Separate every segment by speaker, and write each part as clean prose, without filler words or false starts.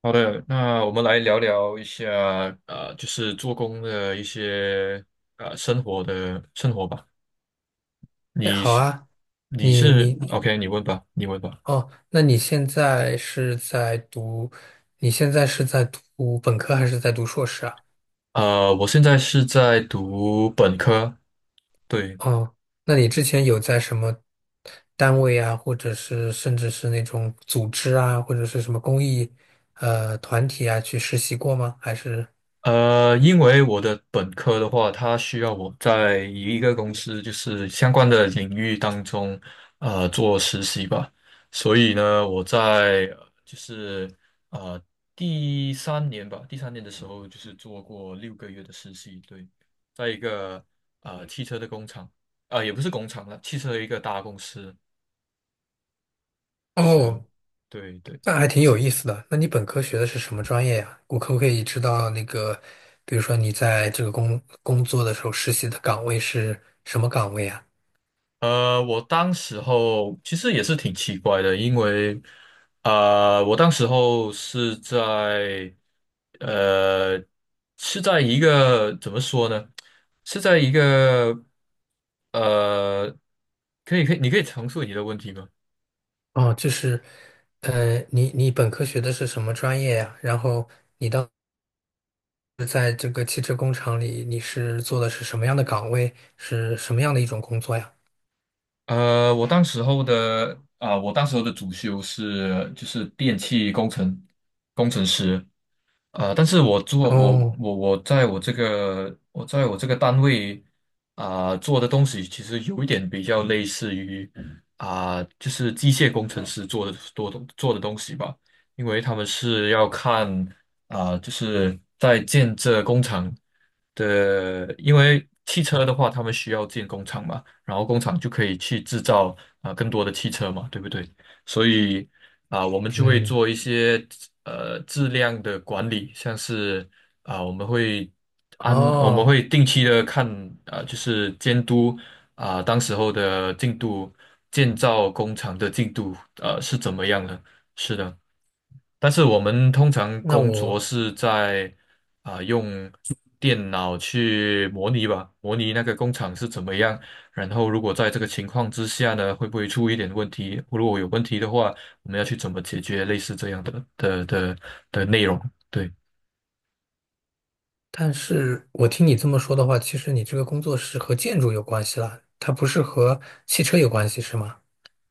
Speaker 1: 好的，那我们来聊聊一下，就是做工的一些生活的生活吧。
Speaker 2: 哎，
Speaker 1: 你
Speaker 2: 好
Speaker 1: 是
Speaker 2: 啊，
Speaker 1: 你
Speaker 2: 你
Speaker 1: 是
Speaker 2: 你
Speaker 1: OK，你问吧。
Speaker 2: 哦，那你现在是在读，你现在是在读本科还是在读硕士啊？
Speaker 1: 我现在是在读本科，对。
Speaker 2: 哦，那你之前有在什么单位啊，或者是甚至是那种组织啊，或者是什么公益团体啊去实习过吗？还是？
Speaker 1: 因为我的本科的话，它需要我在一个公司就是相关的领域当中，做实习吧。所以呢，我在就是呃第三年吧，第三年的时候就是做过六个月的实习，对，在一个汽车的工厂，也不是工厂了，汽车的一个大公司，是，
Speaker 2: 哦，
Speaker 1: 对对。
Speaker 2: 那还挺有意思的。那你本科学的是什么专业呀？我可不可以知道那个，比如说你在这个工作的时候实习的岗位是什么岗位啊？
Speaker 1: 我当时候其实也是挺奇怪的，因为我当时候是在呃是在一个怎么说呢？是在一个呃，可以可以，你可以重述你的问题吗？
Speaker 2: 哦，就是，你本科学的是什么专业呀？然后在这个汽车工厂里，你是做的是什么样的岗位？是什么样的一种工作呀？
Speaker 1: 我当时候的我当时候的主修是就是电气工程工程师，但是我做我
Speaker 2: 哦。
Speaker 1: 我我在我这个我在我这个单位做的东西，其实有一点比较类似于就是机械工程师做的多的做的东西吧，因为他们是要看就是在建这工厂的，因为汽车的话，他们需要建工厂嘛，然后工厂就可以去制造更多的汽车嘛，对不对？所以我们就会
Speaker 2: 嗯。
Speaker 1: 做一些质量的管理，像是我们会我们
Speaker 2: 哦。
Speaker 1: 会定期的看就是监督当时候的进度，建造工厂的进度是怎么样的？是的。但是我们通常
Speaker 2: 那
Speaker 1: 工作
Speaker 2: 我，
Speaker 1: 是在用电脑去模拟吧，模拟那个工厂是怎么样。然后如果在这个情况之下呢，会不会出一点问题？如果有问题的话，我们要去怎么解决类似这样的的内容？对。
Speaker 2: 但是我听你这么说的话，其实你这个工作是和建筑有关系啦，它不是和汽车有关系，是吗？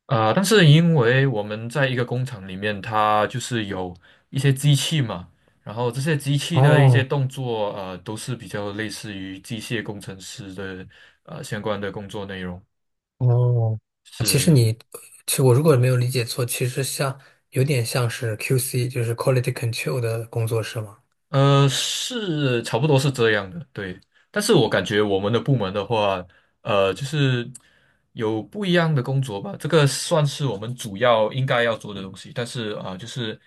Speaker 1: 但是因为我们在一个工厂里面，它就是有一些机器嘛，然后这些机器的一些
Speaker 2: 哦。
Speaker 1: 动作，都是比较类似于机械工程师的相关的工作内容。
Speaker 2: 哦。其实
Speaker 1: 是。
Speaker 2: 你，其实我如果没有理解错，其实有点像是 QC，就是 Quality Control 的工作，是吗？
Speaker 1: 是差不多是这样的，对。但是我感觉我们的部门的话，就是有不一样的工作吧。这个算是我们主要应该要做的东西。但是就是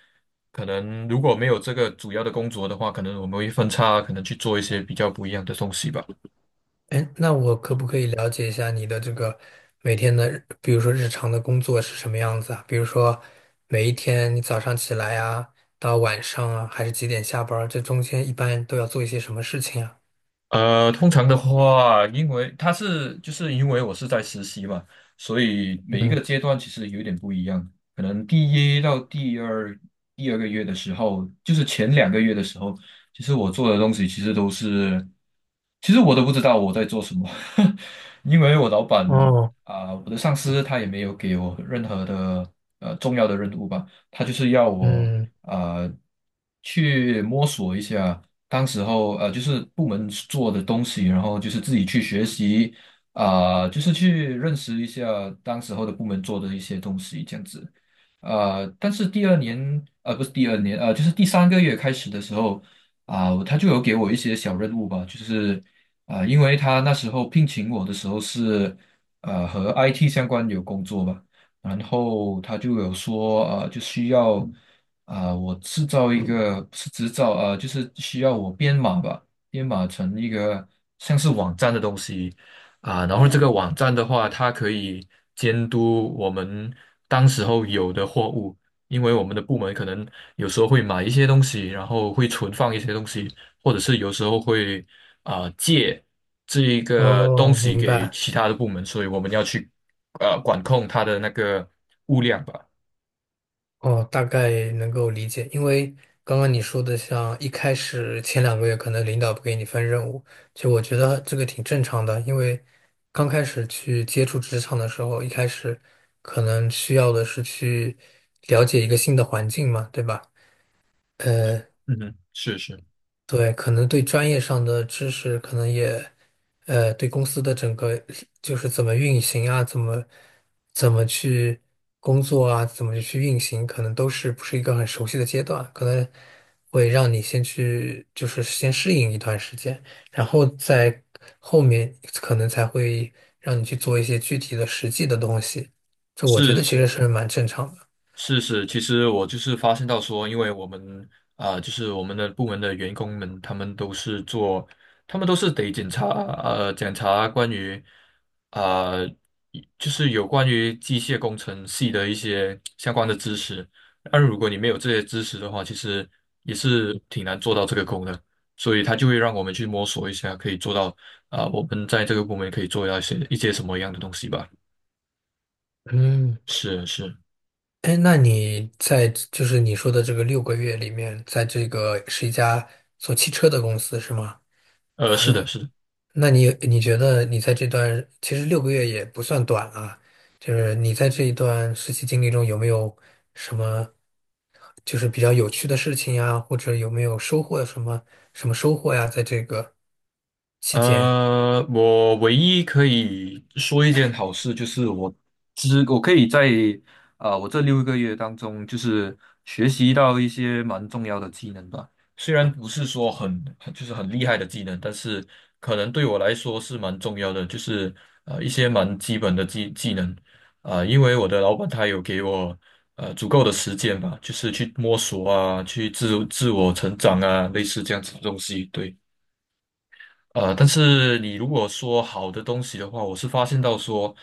Speaker 1: 可能如果没有这个主要的工作的话，可能我们会分叉，可能去做一些比较不一样的东西吧。
Speaker 2: 哎，那我可不可以了解一下你的这个每天的日，比如说日常的工作是什么样子啊？比如说每一天你早上起来啊，到晚上啊，还是几点下班儿这中间一般都要做一些什么事情啊？
Speaker 1: 通常的话，因为他是就是因为我是在实习嘛，所以每一个
Speaker 2: 嗯。
Speaker 1: 阶段其实有点不一样。可能第一到第二个月的时候，就是前两个月的时候，其实我做的东西其实都是，其实我都不知道我在做什么，因为我老板
Speaker 2: 哦。
Speaker 1: 我的上司他也没有给我任何的重要的任务吧，他就是要我
Speaker 2: 嗯。
Speaker 1: 啊去摸索一下。当时候就是部门做的东西，然后就是自己去学习，就是去认识一下当时候的部门做的一些东西，这样子。但是第二年，不是第二年，就是第三个月开始的时候，他就有给我一些小任务吧，就是因为他那时候聘请我的时候是和 IT 相关有工作吧，然后他就有说，就需要。我制造一个不是制造就是需要我编码吧，编码成一个像是网站的东西然后这个网站的话，它可以监督我们当时候有的货物，因为我们的部门可能有时候会买一些东西，然后会存放一些东西，或者是有时候会借这一个东
Speaker 2: 哦，
Speaker 1: 西
Speaker 2: 明
Speaker 1: 给
Speaker 2: 白。
Speaker 1: 其他的部门，所以我们要去管控它的那个物量吧。
Speaker 2: 哦，大概能够理解，因为刚刚你说的，像一开始前2个月可能领导不给你分任务，其实我觉得这个挺正常的，因为刚开始去接触职场的时候，一开始可能需要的是去了解一个新的环境嘛，对吧？呃。
Speaker 1: 嗯哼，是是。
Speaker 2: 对，可能对专业上的知识，可能也，对公司的整个就是怎么运行啊，怎么去工作啊，怎么去运行，可能都是不是一个很熟悉的阶段，可能会让你先去就是先适应一段时间，然后在后面可能才会让你去做一些具体的实际的东西，这我觉
Speaker 1: 是
Speaker 2: 得其实
Speaker 1: 是，
Speaker 2: 是蛮正常的。
Speaker 1: 是，其实我就是发现到说，因为我们就是我们的部门的员工们，他们都是做，他们都是得检查检查关于啊、就是有关于机械工程系的一些相关的知识。但如果你没有这些知识的话，其实也是挺难做到这个功的。所以他就会让我们去摸索一下，可以做到我们在这个部门可以做到一些什么样的东西吧。
Speaker 2: 嗯。
Speaker 1: 是是。
Speaker 2: 哎，那你在就是你说的这个六个月里面，在这个是一家做汽车的公司是吗？
Speaker 1: 是的，是的。
Speaker 2: 那你觉得你在这段其实六个月也不算短啊，就是你在这一段实习经历中有没有什么就是比较有趣的事情呀，或者有没有收获什么收获呀，在这个期间？
Speaker 1: 我唯一可以说一件好事就是我，我可以在我这六个月当中，就是学习到一些蛮重要的技能吧。虽然不是说很就是很厉害的技能，但是可能对我来说是蛮重要的，就是一些蛮基本的技能因为我的老板他有给我足够的时间吧，就是去摸索啊，去自我成长啊，类似这样子的东西，对。但是你如果说好的东西的话，我是发现到说，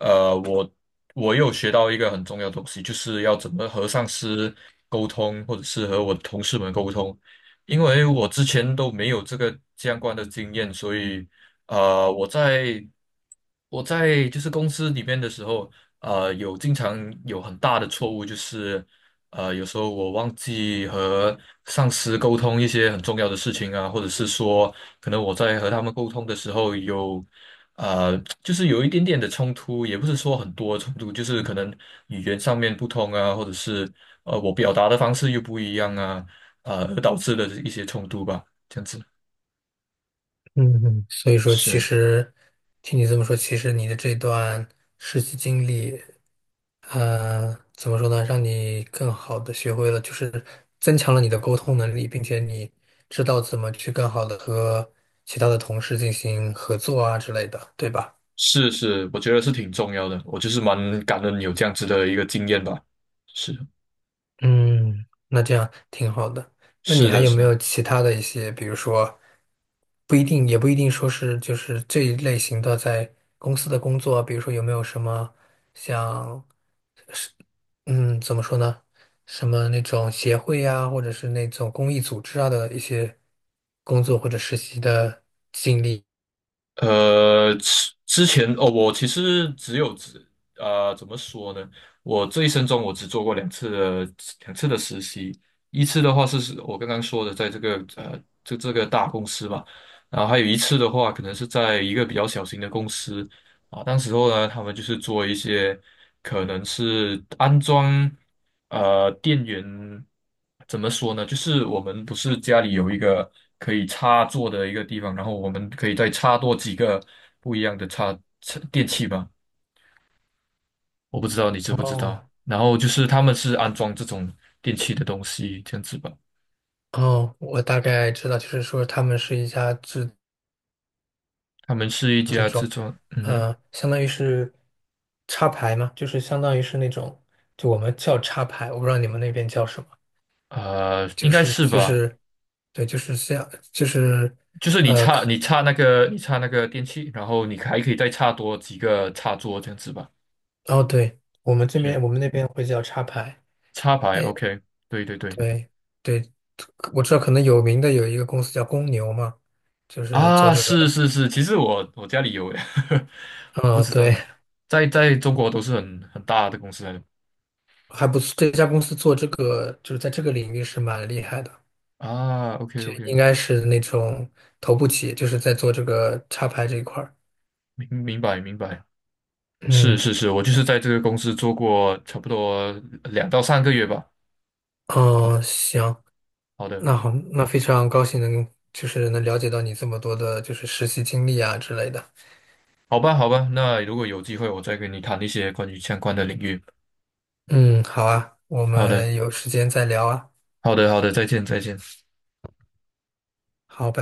Speaker 1: 呃，我我有学到一个很重要的东西，就是要怎么和上司沟通，或者是和我的同事们沟通，因为我之前都没有这个相关的经验，所以呃，我在我在就是公司里面的时候，有经常有很大的错误，就是有时候我忘记和上司沟通一些很重要的事情啊，或者是说。可能我在和他们沟通的时候有，呃，就是有一点点的冲突，也不是说很多冲突，就是可能语言上面不通啊，或者是我表达的方式又不一样啊，而导致的一些冲突吧，这样子。
Speaker 2: 嗯嗯，所以说，其
Speaker 1: 是
Speaker 2: 实听你这么说，其实你的这段实习经历，怎么说呢，让你更好的学会了，就是增强了你的沟通能力，并且你知道怎么去更好的和其他的同事进行合作啊之类的，对吧？
Speaker 1: 是是，我觉得是挺重要的，我就是蛮感恩有这样子的一个经验吧。是。
Speaker 2: 嗯，那这样挺好的。那你
Speaker 1: 是
Speaker 2: 还
Speaker 1: 的，
Speaker 2: 有
Speaker 1: 是
Speaker 2: 没有
Speaker 1: 的。
Speaker 2: 其他的一些，比如说，不一定，也不一定说是就是这一类型的在公司的工作，比如说有没有什么像，嗯，怎么说呢，什么那种协会啊，或者是那种公益组织啊的一些工作或者实习的经历？
Speaker 1: 之前哦，我其实只有只怎么说呢？我这一生中我只做过两次的实习，一次的话是我刚刚说的，在这个这个大公司吧，然后还有一次的话，可能是在一个比较小型的公司当时候呢，他们就是做一些可能是安装。电源怎么说呢？就是我们不是家里有一个可以插座的一个地方，然后我们可以再插多几个不一样的插电器吧。我不知道你知不知道。
Speaker 2: 哦
Speaker 1: 然后就是他们是安装这种电器的东西，这样子吧。
Speaker 2: 哦，我大概知道，就是说他们是一家制。
Speaker 1: 他们是一家制作，嗯哼。
Speaker 2: 相当于是插排嘛，就是相当于是那种，就我们叫插排，我不知道你们那边叫什么，
Speaker 1: 应
Speaker 2: 就
Speaker 1: 该
Speaker 2: 是
Speaker 1: 是
Speaker 2: 就
Speaker 1: 吧。
Speaker 2: 是，对，就是这样，就是，
Speaker 1: 就是你插那个电器，然后你还可以再插多几个插座，这样子吧。
Speaker 2: 哦，对，
Speaker 1: 是
Speaker 2: 我们那边会叫插排，
Speaker 1: 插排
Speaker 2: 哎，
Speaker 1: ，OK，对对对。
Speaker 2: 对对，我知道可能有名的有一个公司叫公牛嘛，就是做
Speaker 1: 啊，
Speaker 2: 这个
Speaker 1: 是
Speaker 2: 的，
Speaker 1: 是是，其实我我家里有诶，不
Speaker 2: 嗯，
Speaker 1: 知
Speaker 2: 对，
Speaker 1: 道，在在中国都是很大的公司来的
Speaker 2: 还不错，这家公司做这个就是在这个领域是蛮厉害的，
Speaker 1: 啊。OK
Speaker 2: 就
Speaker 1: OK，
Speaker 2: 应该是那种头部企业，就是在做这个插排这一块儿，
Speaker 1: 明明白明白，是
Speaker 2: 嗯。
Speaker 1: 是是，我就是在这个公司做过差不多两到三个月吧。
Speaker 2: 哦，行，
Speaker 1: 好的。
Speaker 2: 那好，那非常高兴能就是能了解到你这么多的，就是实习经历啊之类的。
Speaker 1: 好吧好吧，那如果有机会，我再跟你谈一些关于相关的领域。
Speaker 2: 嗯，好啊，我
Speaker 1: 好的
Speaker 2: 们有时间再聊啊。
Speaker 1: 好的好的，再见再见。
Speaker 2: 好，拜。